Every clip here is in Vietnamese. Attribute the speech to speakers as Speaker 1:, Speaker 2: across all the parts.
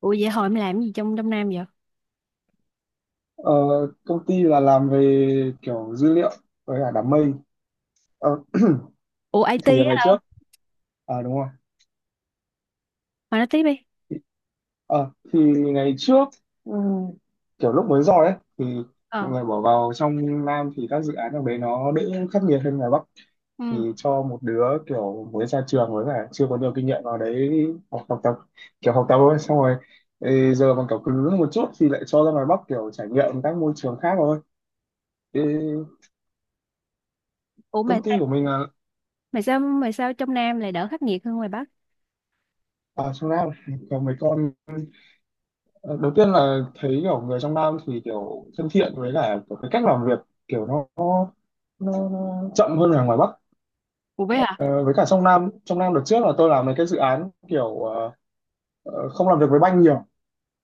Speaker 1: Ủa vậy hồi em làm gì trong trong Nam vậy?
Speaker 2: Ờ, Công ty là làm về kiểu dữ liệu với cả đám mây. Ờ,
Speaker 1: Ủa
Speaker 2: thì
Speaker 1: IT
Speaker 2: ngày
Speaker 1: á,
Speaker 2: trước, à đúng không,
Speaker 1: mà nói tiếp đi.
Speaker 2: thì, thì ngày trước, ừm, kiểu lúc mới rồi ấy thì mọi
Speaker 1: Ờ.
Speaker 2: người bỏ vào trong Nam thì các dự án ở đấy nó đỡ khắc nghiệt hơn ngoài Bắc, thì
Speaker 1: Ừ.
Speaker 2: cho một đứa kiểu mới ra trường với cả chưa có nhiều kinh nghiệm vào đấy học tập kiểu học tập thôi, xong rồi ừ, giờ mà kiểu cứng một chút thì lại cho ra ngoài Bắc kiểu trải nghiệm các môi trường khác thôi. Thì
Speaker 1: Ủa mà
Speaker 2: công
Speaker 1: sao
Speaker 2: ty của mình là
Speaker 1: mà sao mà sao trong Nam lại đỡ khắc nghiệt hơn ngoài Bắc?
Speaker 2: ở trong Nam có mấy con. Ờ, đầu tiên là thấy kiểu người trong Nam thì kiểu thân thiện, với cả kiểu cái cách làm việc kiểu nó chậm hơn là ngoài Bắc.
Speaker 1: Ủa vậy hả?
Speaker 2: Ờ, với cả trong Nam đợt trước là tôi làm mấy cái dự án kiểu không làm việc với banh nhiều,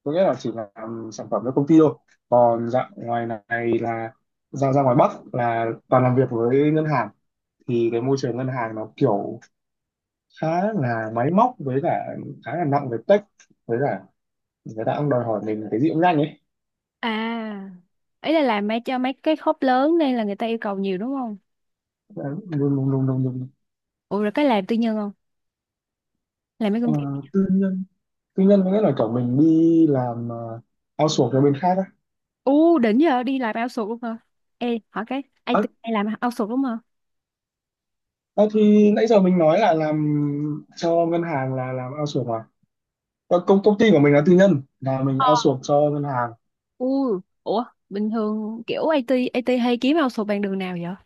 Speaker 2: có nghĩa là chỉ làm sản phẩm cho công ty thôi, còn dạng ngoài này là ra ra ngoài Bắc là toàn làm việc với ngân hàng. Thì cái môi trường ngân hàng nó kiểu khá là máy móc, với cả khá là nặng về tech, với cả người ta cũng đòi hỏi mình cái gì cũng nhanh ấy.
Speaker 1: À. Ý là làm mấy cho mấy cái khớp lớn nên là người ta yêu cầu nhiều đúng không?
Speaker 2: Ờ, luôn luôn luôn luôn luôn.
Speaker 1: Ủa rồi cái làm tư nhân không? Làm mấy
Speaker 2: Ờ,
Speaker 1: công ty.
Speaker 2: tư nhân, tư nhân có nghĩa là kiểu mình đi làm outsource cho bên khác á.
Speaker 1: U đỉnh giờ đi làm outsource luôn hả? Ê, hỏi cái IT
Speaker 2: à,
Speaker 1: hay làm outsource đúng không?
Speaker 2: à, thì nãy giờ mình nói là làm cho ngân hàng là làm outsource mà. Ờ, công công ty của mình là tư nhân, là mình
Speaker 1: Ờ.
Speaker 2: outsource cho ngân hàng.
Speaker 1: Ủa bình thường kiểu IT IT hay kiếm outsource bằng đường nào vậy?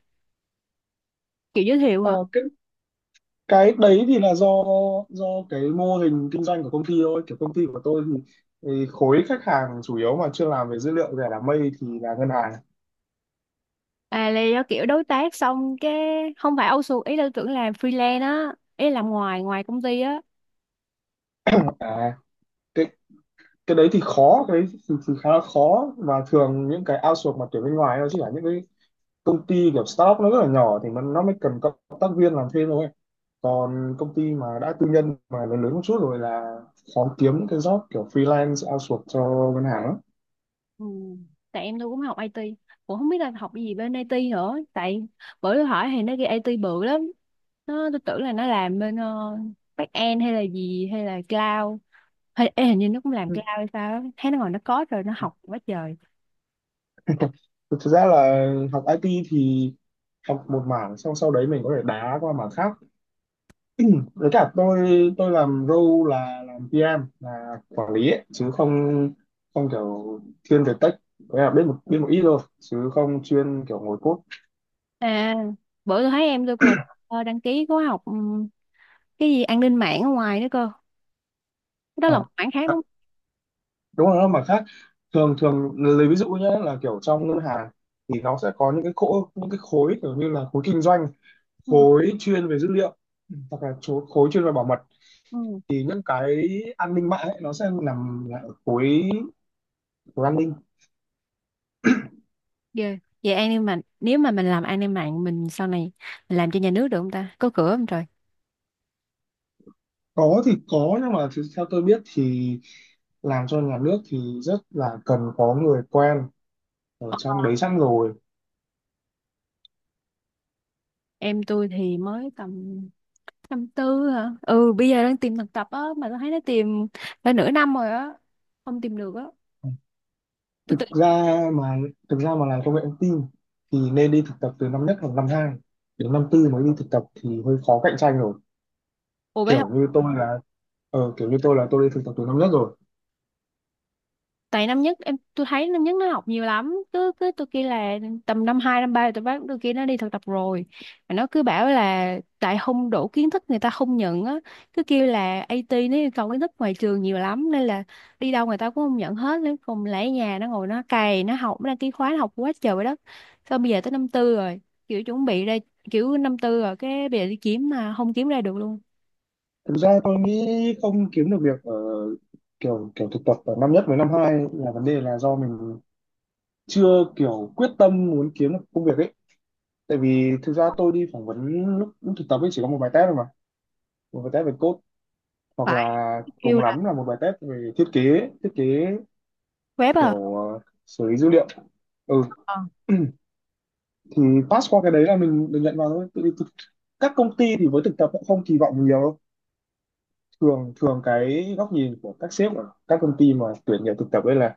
Speaker 1: Kiểu giới thiệu
Speaker 2: Ờ,
Speaker 1: hả?
Speaker 2: cái đấy thì là do do cái mô hình kinh doanh của công ty thôi, kiểu công ty của tôi thì khối khách hàng chủ yếu mà chưa làm về dữ liệu, về đám mây thì là ngân hàng.
Speaker 1: À là do kiểu đối tác xong cái không phải outsource, ý là tưởng làm freelance á, ý là làm ngoài ngoài công ty á.
Speaker 2: à, cái đấy thì khá là khó, và thường những cái outsource mà tuyển bên ngoài nó chỉ là những cái công ty kiểu startup nó rất là nhỏ thìมันnó mới cần cộng tác viên làm thêm thôi, còn công ty mà đã tư nhân mà lớn lớn một chút rồi là khó kiếm những cái job kiểu freelance outsource cho ngân hàng lắm.
Speaker 1: Ừ. Tại em tôi cũng học IT, cũng không biết là học gì bên IT nữa, tại bữa tôi hỏi thì nó ghi IT bự lắm. Nó tôi tưởng là nó làm bên back end hay là gì hay là cloud, hay ê, hình như nó cũng làm
Speaker 2: Ừ.
Speaker 1: cloud hay sao á. Thấy nó ngồi nó code rồi nó học quá trời.
Speaker 2: Thực ra là học IT thì học một mảng xong sau đấy mình có thể đá qua mảng khác. Với cả tôi làm role là làm PM, là quản lý ấy, chứ không không kiểu thiên về tech, có nghĩa là biết một ít thôi chứ không chuyên kiểu ngồi code.
Speaker 1: À, bữa tôi thấy em tôi còn đăng ký khóa học cái gì an ninh mạng ở ngoài nữa cơ. Đó là một
Speaker 2: Ờ.
Speaker 1: mảng khác đúng
Speaker 2: Đúng rồi mà khác. Thường thường lấy ví dụ nhé, là kiểu trong ngân hàng thì nó sẽ có những cái khối, những cái khối kiểu như là khối kinh doanh,
Speaker 1: không.
Speaker 2: khối chuyên về dữ liệu, hoặc là khối chuyên về bảo mật.
Speaker 1: Ừ.
Speaker 2: Thì những cái an ninh mạng ấy, nó sẽ nằm lại ở khối của an ninh.
Speaker 1: Ghê. Vậy an ninh mạng nếu mà mình làm an ninh mạng mình sau này mình làm cho nhà nước được không ta? Có cửa không trời?
Speaker 2: Có thì có, nhưng mà thì theo tôi biết thì làm cho nhà nước thì rất là cần có người quen ở
Speaker 1: Ờ,
Speaker 2: trong đấy sẵn rồi.
Speaker 1: em tôi thì mới tầm năm tư hả? Ừ, bây giờ đang tìm thực tập á mà tôi thấy nó tìm phải nửa năm rồi á. Không tìm được á. Tôi tự—
Speaker 2: thực ra mà Thực ra mà làm công nghệ thông tin thì nên đi thực tập từ năm nhất hoặc năm hai, đến năm tư mới đi thực tập thì hơi khó cạnh tranh rồi.
Speaker 1: Ủa bé hả?
Speaker 2: kiểu như tôi là Kiểu như tôi là tôi đi thực tập từ năm nhất rồi.
Speaker 1: Tại năm nhất em tôi thấy năm nhất nó học nhiều lắm, cứ cứ tôi kia là tầm năm hai năm ba tôi bắt tôi kia nó đi thực tập rồi, mà nó cứ bảo là tại không đủ kiến thức người ta không nhận á. Cứ kêu là IT nó yêu cầu kiến thức ngoài trường nhiều lắm nên là đi đâu người ta cũng không nhận hết, nên cùng lại ở nhà nó ngồi nó cày nó học nó đăng ký khóa nó học quá trời vậy đó. Xong bây giờ tới năm tư rồi, kiểu chuẩn bị ra, kiểu năm tư rồi cái bây giờ đi kiếm mà không kiếm ra được luôn.
Speaker 2: Thực ra tôi nghĩ không kiếm được việc ở kiểu kiểu thực tập ở năm nhất với năm hai là vấn đề là do mình chưa kiểu quyết tâm muốn kiếm được công việc ấy. Tại vì thực ra tôi đi phỏng vấn lúc thực tập ấy chỉ có một bài test thôi mà, một bài test về code, hoặc
Speaker 1: Phải
Speaker 2: là cùng
Speaker 1: kêu là
Speaker 2: lắm là một bài test về thiết kế
Speaker 1: web à.
Speaker 2: kiểu ờ, xử lý dữ liệu. Ừ.
Speaker 1: Ờ.
Speaker 2: Thì pass qua cái đấy là mình được nhận vào thôi. Các công ty thì với thực tập cũng không kỳ vọng nhiều đâu. Thường thường cái góc nhìn của các sếp ở các công ty mà tuyển nhiều thực tập ấy là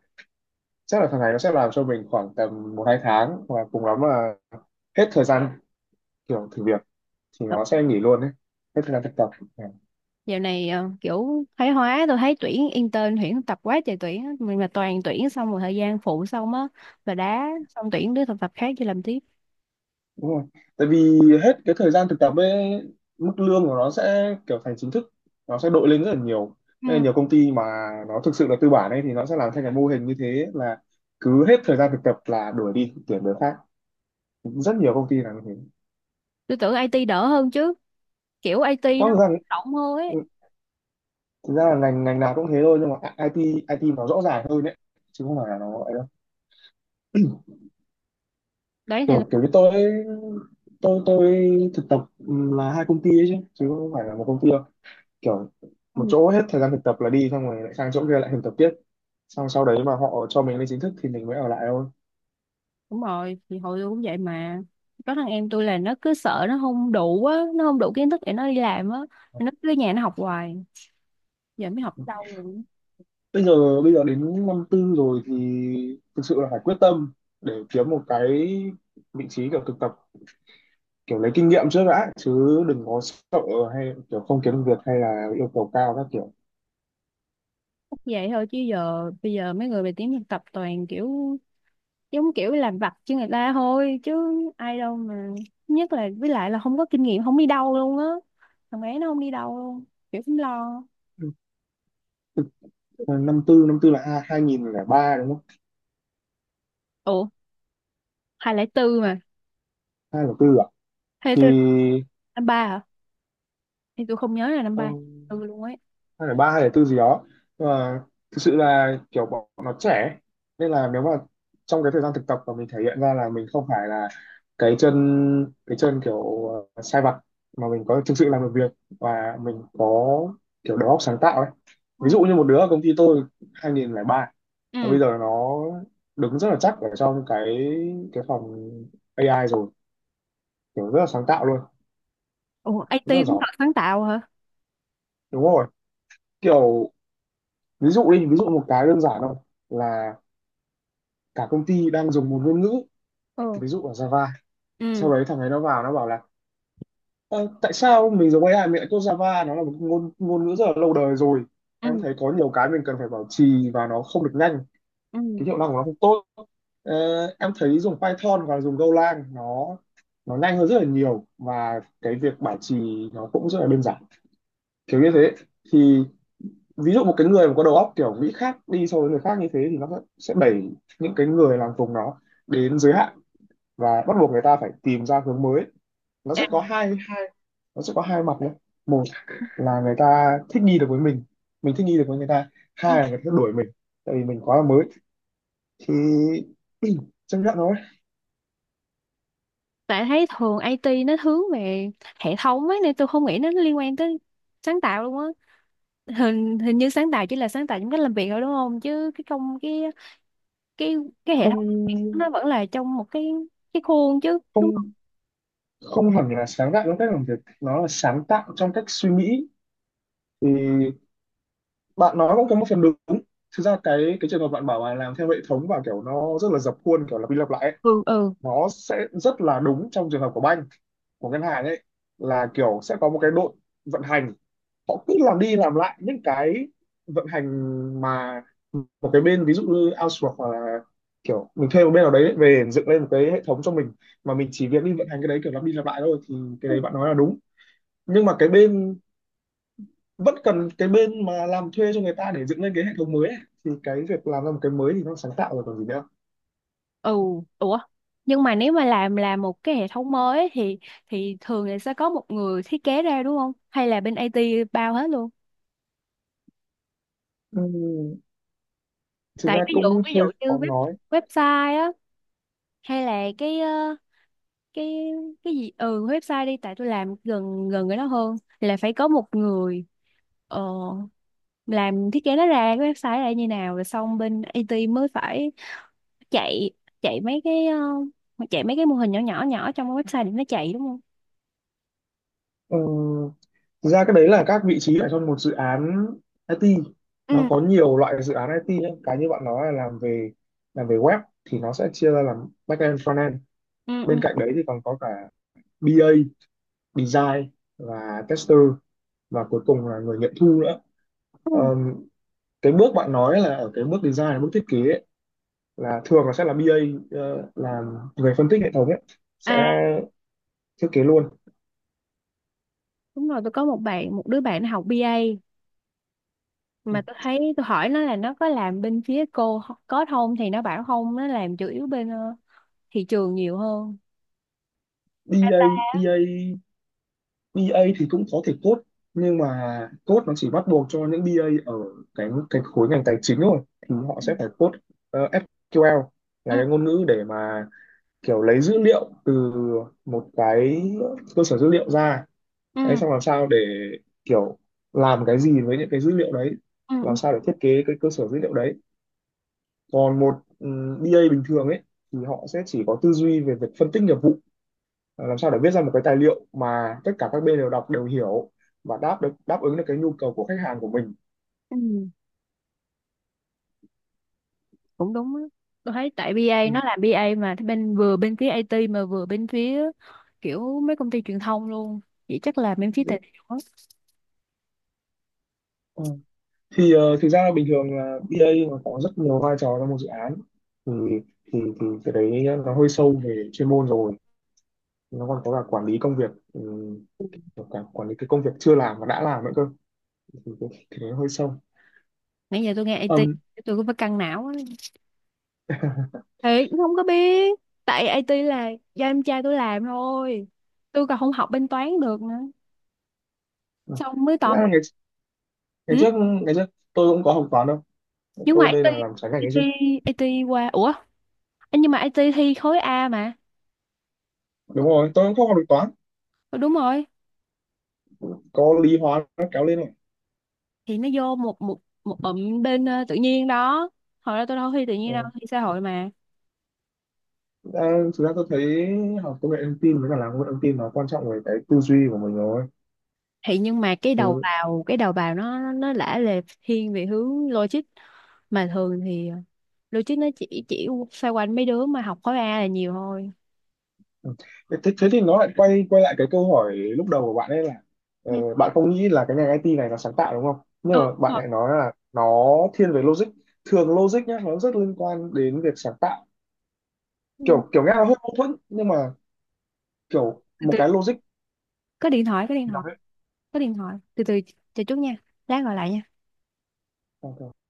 Speaker 2: chắc là thằng này nó sẽ làm cho mình khoảng tầm một hai tháng, và cùng lắm là hết thời gian kiểu thử việc thì nó sẽ nghỉ luôn đấy, hết thời gian thực tập. Dạ.
Speaker 1: Dạo này kiểu thái hóa tôi thấy tuyển intern tuyển thực tập quá trời tuyển á. Mình mà toàn tuyển xong rồi thời gian phụ xong á là đá, xong tuyển đứa thực tập khác cho làm tiếp.
Speaker 2: Đúng rồi, tại vì hết cái thời gian thực tập ấy mức lương của nó sẽ kiểu thành chính thức, nó sẽ đội lên rất là nhiều. Nên
Speaker 1: Ừ.
Speaker 2: là nhiều công ty mà nó thực sự là tư bản ấy thì nó sẽ làm theo cái mô hình như thế, là cứ hết thời gian thực tập là đuổi đi tuyển người khác. Rất nhiều công ty làm như thế.
Speaker 1: Tôi tưởng IT đỡ hơn chứ, kiểu IT
Speaker 2: Rõ
Speaker 1: nó
Speaker 2: ràng
Speaker 1: rộng hơn
Speaker 2: ừ,
Speaker 1: ấy.
Speaker 2: thực ra là ngành ngành nào cũng thế thôi, nhưng mà IT IT nó rõ ràng hơn đấy, chứ không phải là nó ấy đâu.
Speaker 1: Đấy thì
Speaker 2: Kiểu kiểu như tôi tôi tôi thực tập là hai công ty ấy chứ, chứ không phải là một công ty đâu. Kiểu
Speaker 1: ừ,
Speaker 2: một chỗ hết thời gian thực tập là đi, xong rồi lại sang chỗ kia lại thực tập tiếp, xong sau đấy mà họ cho mình lên chính thức thì mình mới ở lại thôi.
Speaker 1: đúng rồi. Thì hồi tôi cũng vậy mà, có thằng em tôi là nó cứ sợ nó không đủ á, nó không đủ kiến thức để nó đi làm á, nó cứ ở nhà nó học hoài, giờ mới học lâu rồi.
Speaker 2: Bây giờ đến năm tư rồi thì thực sự là phải quyết tâm để kiếm một cái vị trí kiểu thực tập, kiểu lấy kinh nghiệm trước đã chứ, đừng có sợ hay kiểu không kiếm được việc hay là yêu cầu cao các kiểu.
Speaker 1: Chắc vậy thôi chứ giờ bây giờ mấy người về tiếng thực tập toàn kiểu giống kiểu làm vặt cho người ta thôi chứ ai đâu mà, nhất là với lại là không có kinh nghiệm không đi đâu luôn á, thằng bé nó không đi đâu luôn, kiểu cũng lo.
Speaker 2: Thực- Năm tư, năm tư là hai nghìn lẻ ba đúng không?
Speaker 1: Ủa hai lẻ tư mà.
Speaker 2: Hai nghìn lẻ tư à?
Speaker 1: Hai lẻ
Speaker 2: Thì
Speaker 1: tư. Năm ba hả? Thì tôi không nhớ là năm
Speaker 2: ờ,
Speaker 1: ba. Ừ luôn ấy.
Speaker 2: hay là ba hay là tư gì đó. Nhưng mà thực sự là kiểu bọn nó trẻ, nên là nếu mà trong cái thời gian thực tập mà mình thể hiện ra là mình không phải là cái chân cái chân kiểu ờ, sai vặt, mà mình có thực sự làm được việc, và mình có kiểu đầu óc sáng tạo ấy.
Speaker 1: Ừ.
Speaker 2: Ví dụ như một đứa ở công ty tôi 2003, và
Speaker 1: Ừ.
Speaker 2: bây giờ nó đứng rất là chắc ở trong cái phòng AI rồi, kiểu rất là sáng tạo luôn,
Speaker 1: Ủa
Speaker 2: rất
Speaker 1: IT
Speaker 2: là
Speaker 1: cũng
Speaker 2: giỏi.
Speaker 1: thật sáng tạo hả?
Speaker 2: Đúng rồi kiểu, ví dụ đi, ví dụ một cái đơn giản thôi, là cả công ty đang dùng một ngôn ngữ,
Speaker 1: Ừ.
Speaker 2: ví dụ là Java,
Speaker 1: Ừ.
Speaker 2: sau đấy thằng ấy nó vào nó bảo là "Ơ, tại sao mình dùng AI mình lại code Java? Nó là một ngôn ngôn ngữ rất là lâu đời rồi, em
Speaker 1: Ừ.
Speaker 2: thấy có nhiều cái mình cần phải bảo trì và nó không được nhanh,
Speaker 1: Ừ.
Speaker 2: cái hiệu năng của nó không tốt. Ờ, em thấy dùng Python và dùng Golang nó nhanh hơn rất là nhiều, và cái việc bảo trì nó cũng rất là đơn giản", kiểu như thế. Thì ví dụ một cái người mà có đầu óc kiểu nghĩ khác đi so với người khác như thế thì nó sẽ đẩy những cái người làm cùng nó đến giới hạn, và bắt buộc người ta phải tìm ra hướng mới. nó
Speaker 1: À,
Speaker 2: sẽ có hai hai nó sẽ có hai mặt đấy. Một là người ta thích nghi được với mình thích nghi được với người ta.
Speaker 1: ừ.
Speaker 2: Hai là người ta đuổi mình, tại vì mình quá là mới, thì chấp nhận thôi.
Speaker 1: Tại thấy thường IT nó hướng về hệ thống ấy nên tôi không nghĩ nó liên quan tới sáng tạo luôn á. Hình hình như sáng tạo chỉ là sáng tạo trong cách làm việc thôi đúng không, chứ cái công cái cái hệ
Speaker 2: Không,
Speaker 1: thống nó vẫn là trong một cái khuôn chứ đúng không?
Speaker 2: không không hẳn là sáng tạo trong cách làm việc, nó là sáng tạo trong cách suy nghĩ. Thì bạn nói cũng có một phần đúng, thực ra cái trường hợp bạn bảo là làm theo hệ thống và kiểu nó rất là dập khuôn kiểu lặp đi lặp lại ấy,
Speaker 1: Ừ. Ừ.
Speaker 2: nó sẽ rất là đúng trong trường hợp của bank, của ngân hàng ấy. Là kiểu sẽ có một cái đội vận hành, họ cứ làm đi làm lại những cái vận hành, mà một cái bên ví dụ như outsource, hoặc là kiểu mình thuê một bên nào đấy về dựng lên một cái hệ thống cho mình, mà mình chỉ việc đi vận hành cái đấy kiểu lặp đi lặp lại thôi, thì cái đấy bạn nói là đúng. Nhưng mà cái bên vẫn cần cái bên mà làm thuê cho người ta để dựng lên cái hệ thống mới ấy. Thì cái việc làm ra một cái mới thì nó sáng tạo rồi còn gì nữa.
Speaker 1: Ừ. Ủa nhưng mà nếu mà làm là một cái hệ thống mới ấy thì thường là sẽ có một người thiết kế ra đúng không, hay là bên IT bao hết luôn?
Speaker 2: Ừm, thực
Speaker 1: Tại
Speaker 2: ra cũng
Speaker 1: ví dụ
Speaker 2: hơi
Speaker 1: như
Speaker 2: khó
Speaker 1: web,
Speaker 2: nói.
Speaker 1: website á, hay là cái cái cái gì, ừ website đi, tại tôi làm gần gần cái đó hơn, là phải có một người ờ, làm thiết kế nó ra cái website là như nào rồi xong bên IT mới phải chạy, chạy mấy cái chạy mấy cái mô hình nhỏ nhỏ nhỏ trong cái website để nó chạy đúng không?
Speaker 2: Ừm, Thực ra cái đấy là các vị trí ở trong một dự án IT.
Speaker 1: Ừ.
Speaker 2: Nó có nhiều loại dự án IT ấy. Cái như bạn nói là làm về web thì nó sẽ chia ra làm backend, frontend.
Speaker 1: Ừ.
Speaker 2: Bên
Speaker 1: Ừ.
Speaker 2: cạnh đấy thì còn có cả BA, design, và tester, và cuối cùng là người nghiệm thu nữa.
Speaker 1: Ừ.
Speaker 2: Ờm, cái bước bạn nói là ở cái bước design, là bước thiết kế ấy, là thường là sẽ là BA, ờ, làm người phân tích hệ thống ấy, sẽ
Speaker 1: À
Speaker 2: thiết kế luôn.
Speaker 1: đúng rồi, tôi có một bạn một đứa bạn nó học BA, mà tôi thấy tôi hỏi nó là nó có làm bên phía cô có không thì nó bảo không, nó làm chủ yếu bên thị trường nhiều hơn. Data.
Speaker 2: BA BA BA thì cũng có thể code, nhưng mà code nó chỉ bắt buộc cho những BA ở cái khối ngành tài chính thôi, thì họ
Speaker 1: Ừ.
Speaker 2: sẽ phải code ờ, SQL, là
Speaker 1: Ừ.
Speaker 2: cái ngôn ngữ để mà kiểu lấy dữ liệu từ một cái cơ sở dữ liệu ra đấy,
Speaker 1: Ừ.
Speaker 2: xong làm sao để kiểu làm cái gì với những cái dữ liệu đấy,
Speaker 1: Ừ.
Speaker 2: làm
Speaker 1: Ừ,
Speaker 2: sao để thiết kế cái cơ sở dữ liệu đấy. Còn một BA bình thường ấy thì họ sẽ chỉ có tư duy về việc phân tích nghiệp vụ. Ờ, làm sao để viết ra một cái tài liệu mà tất cả các bên đều đọc đều hiểu, và đáp ứng được cái nhu cầu của khách hàng của mình.
Speaker 1: ừ. Cũng đúng á, tôi thấy tại BA
Speaker 2: Ừ.
Speaker 1: nó làm BA mà bên vừa bên phía IT mà vừa bên phía kiểu mấy công ty truyền thông luôn. Vậy chắc là bên phía
Speaker 2: Đấy.
Speaker 1: tệ.
Speaker 2: Ờ, Thực ra bình thường là BA nó có rất nhiều vai trò trong một dự án, thì thì cái đấy nó hơi sâu về chuyên môn rồi, nó còn có cả quản lý công việc ừ, cả quản lý cái công việc chưa làm và đã làm nữa cơ. Thì nó hơi sâu.
Speaker 1: Nãy giờ tôi nghe IT
Speaker 2: um,
Speaker 1: tôi cũng phải căng não á, thì cũng không có biết, tại IT là do em trai tôi làm thôi, tôi còn không học bên toán được nữa, xong mới tò
Speaker 2: ngày,
Speaker 1: mò.
Speaker 2: ngày
Speaker 1: Ừ?
Speaker 2: trước ngày trước tôi cũng có học toán đâu,
Speaker 1: Nhưng mà
Speaker 2: tôi đây
Speaker 1: IT
Speaker 2: là làm trái ngành ấy
Speaker 1: IT
Speaker 2: chứ.
Speaker 1: IT qua, ủa nhưng mà IT thi khối A mà.
Speaker 2: Đúng rồi tôi cũng không học được toán,
Speaker 1: Ừ, đúng rồi.
Speaker 2: có lý hóa nó kéo lên này.
Speaker 1: Thì nó vô một một một bụm bên tự nhiên đó, hồi đó tôi đâu thi tự nhiên,
Speaker 2: Ờ,
Speaker 1: đâu thi xã hội mà.
Speaker 2: Ờ, Thực ra tôi thấy học công nghệ thông tin với cả làm công nghệ thông tin nó quan trọng về cái tư duy của mình rồi.
Speaker 1: Thì nhưng mà cái đầu
Speaker 2: thứ
Speaker 1: vào, cái đầu vào nó nó lả lề thiên về hướng logic mà thường thì logic nó chỉ xoay quanh mấy đứa mà học khối A là nhiều thôi.
Speaker 2: Thế, thế thì nó lại quay quay lại cái câu hỏi lúc đầu của bạn ấy là
Speaker 1: Ừ,
Speaker 2: ờ, bạn không nghĩ là cái ngành IT này nó sáng tạo đúng không, nhưng
Speaker 1: ừ,
Speaker 2: mà
Speaker 1: đúng
Speaker 2: bạn
Speaker 1: rồi.
Speaker 2: lại nói là nó thiên về logic. Thường logic nhá nó rất liên quan đến việc sáng tạo,
Speaker 1: Ừ.
Speaker 2: kiểu kiểu nghe là hơi mâu thuẫn, nhưng mà kiểu
Speaker 1: từ
Speaker 2: một
Speaker 1: từ
Speaker 2: cái logic
Speaker 1: có điện thoại, có điện thoại, có điện thoại, từ từ, chờ chút nha, lát gọi lại nha.
Speaker 2: nó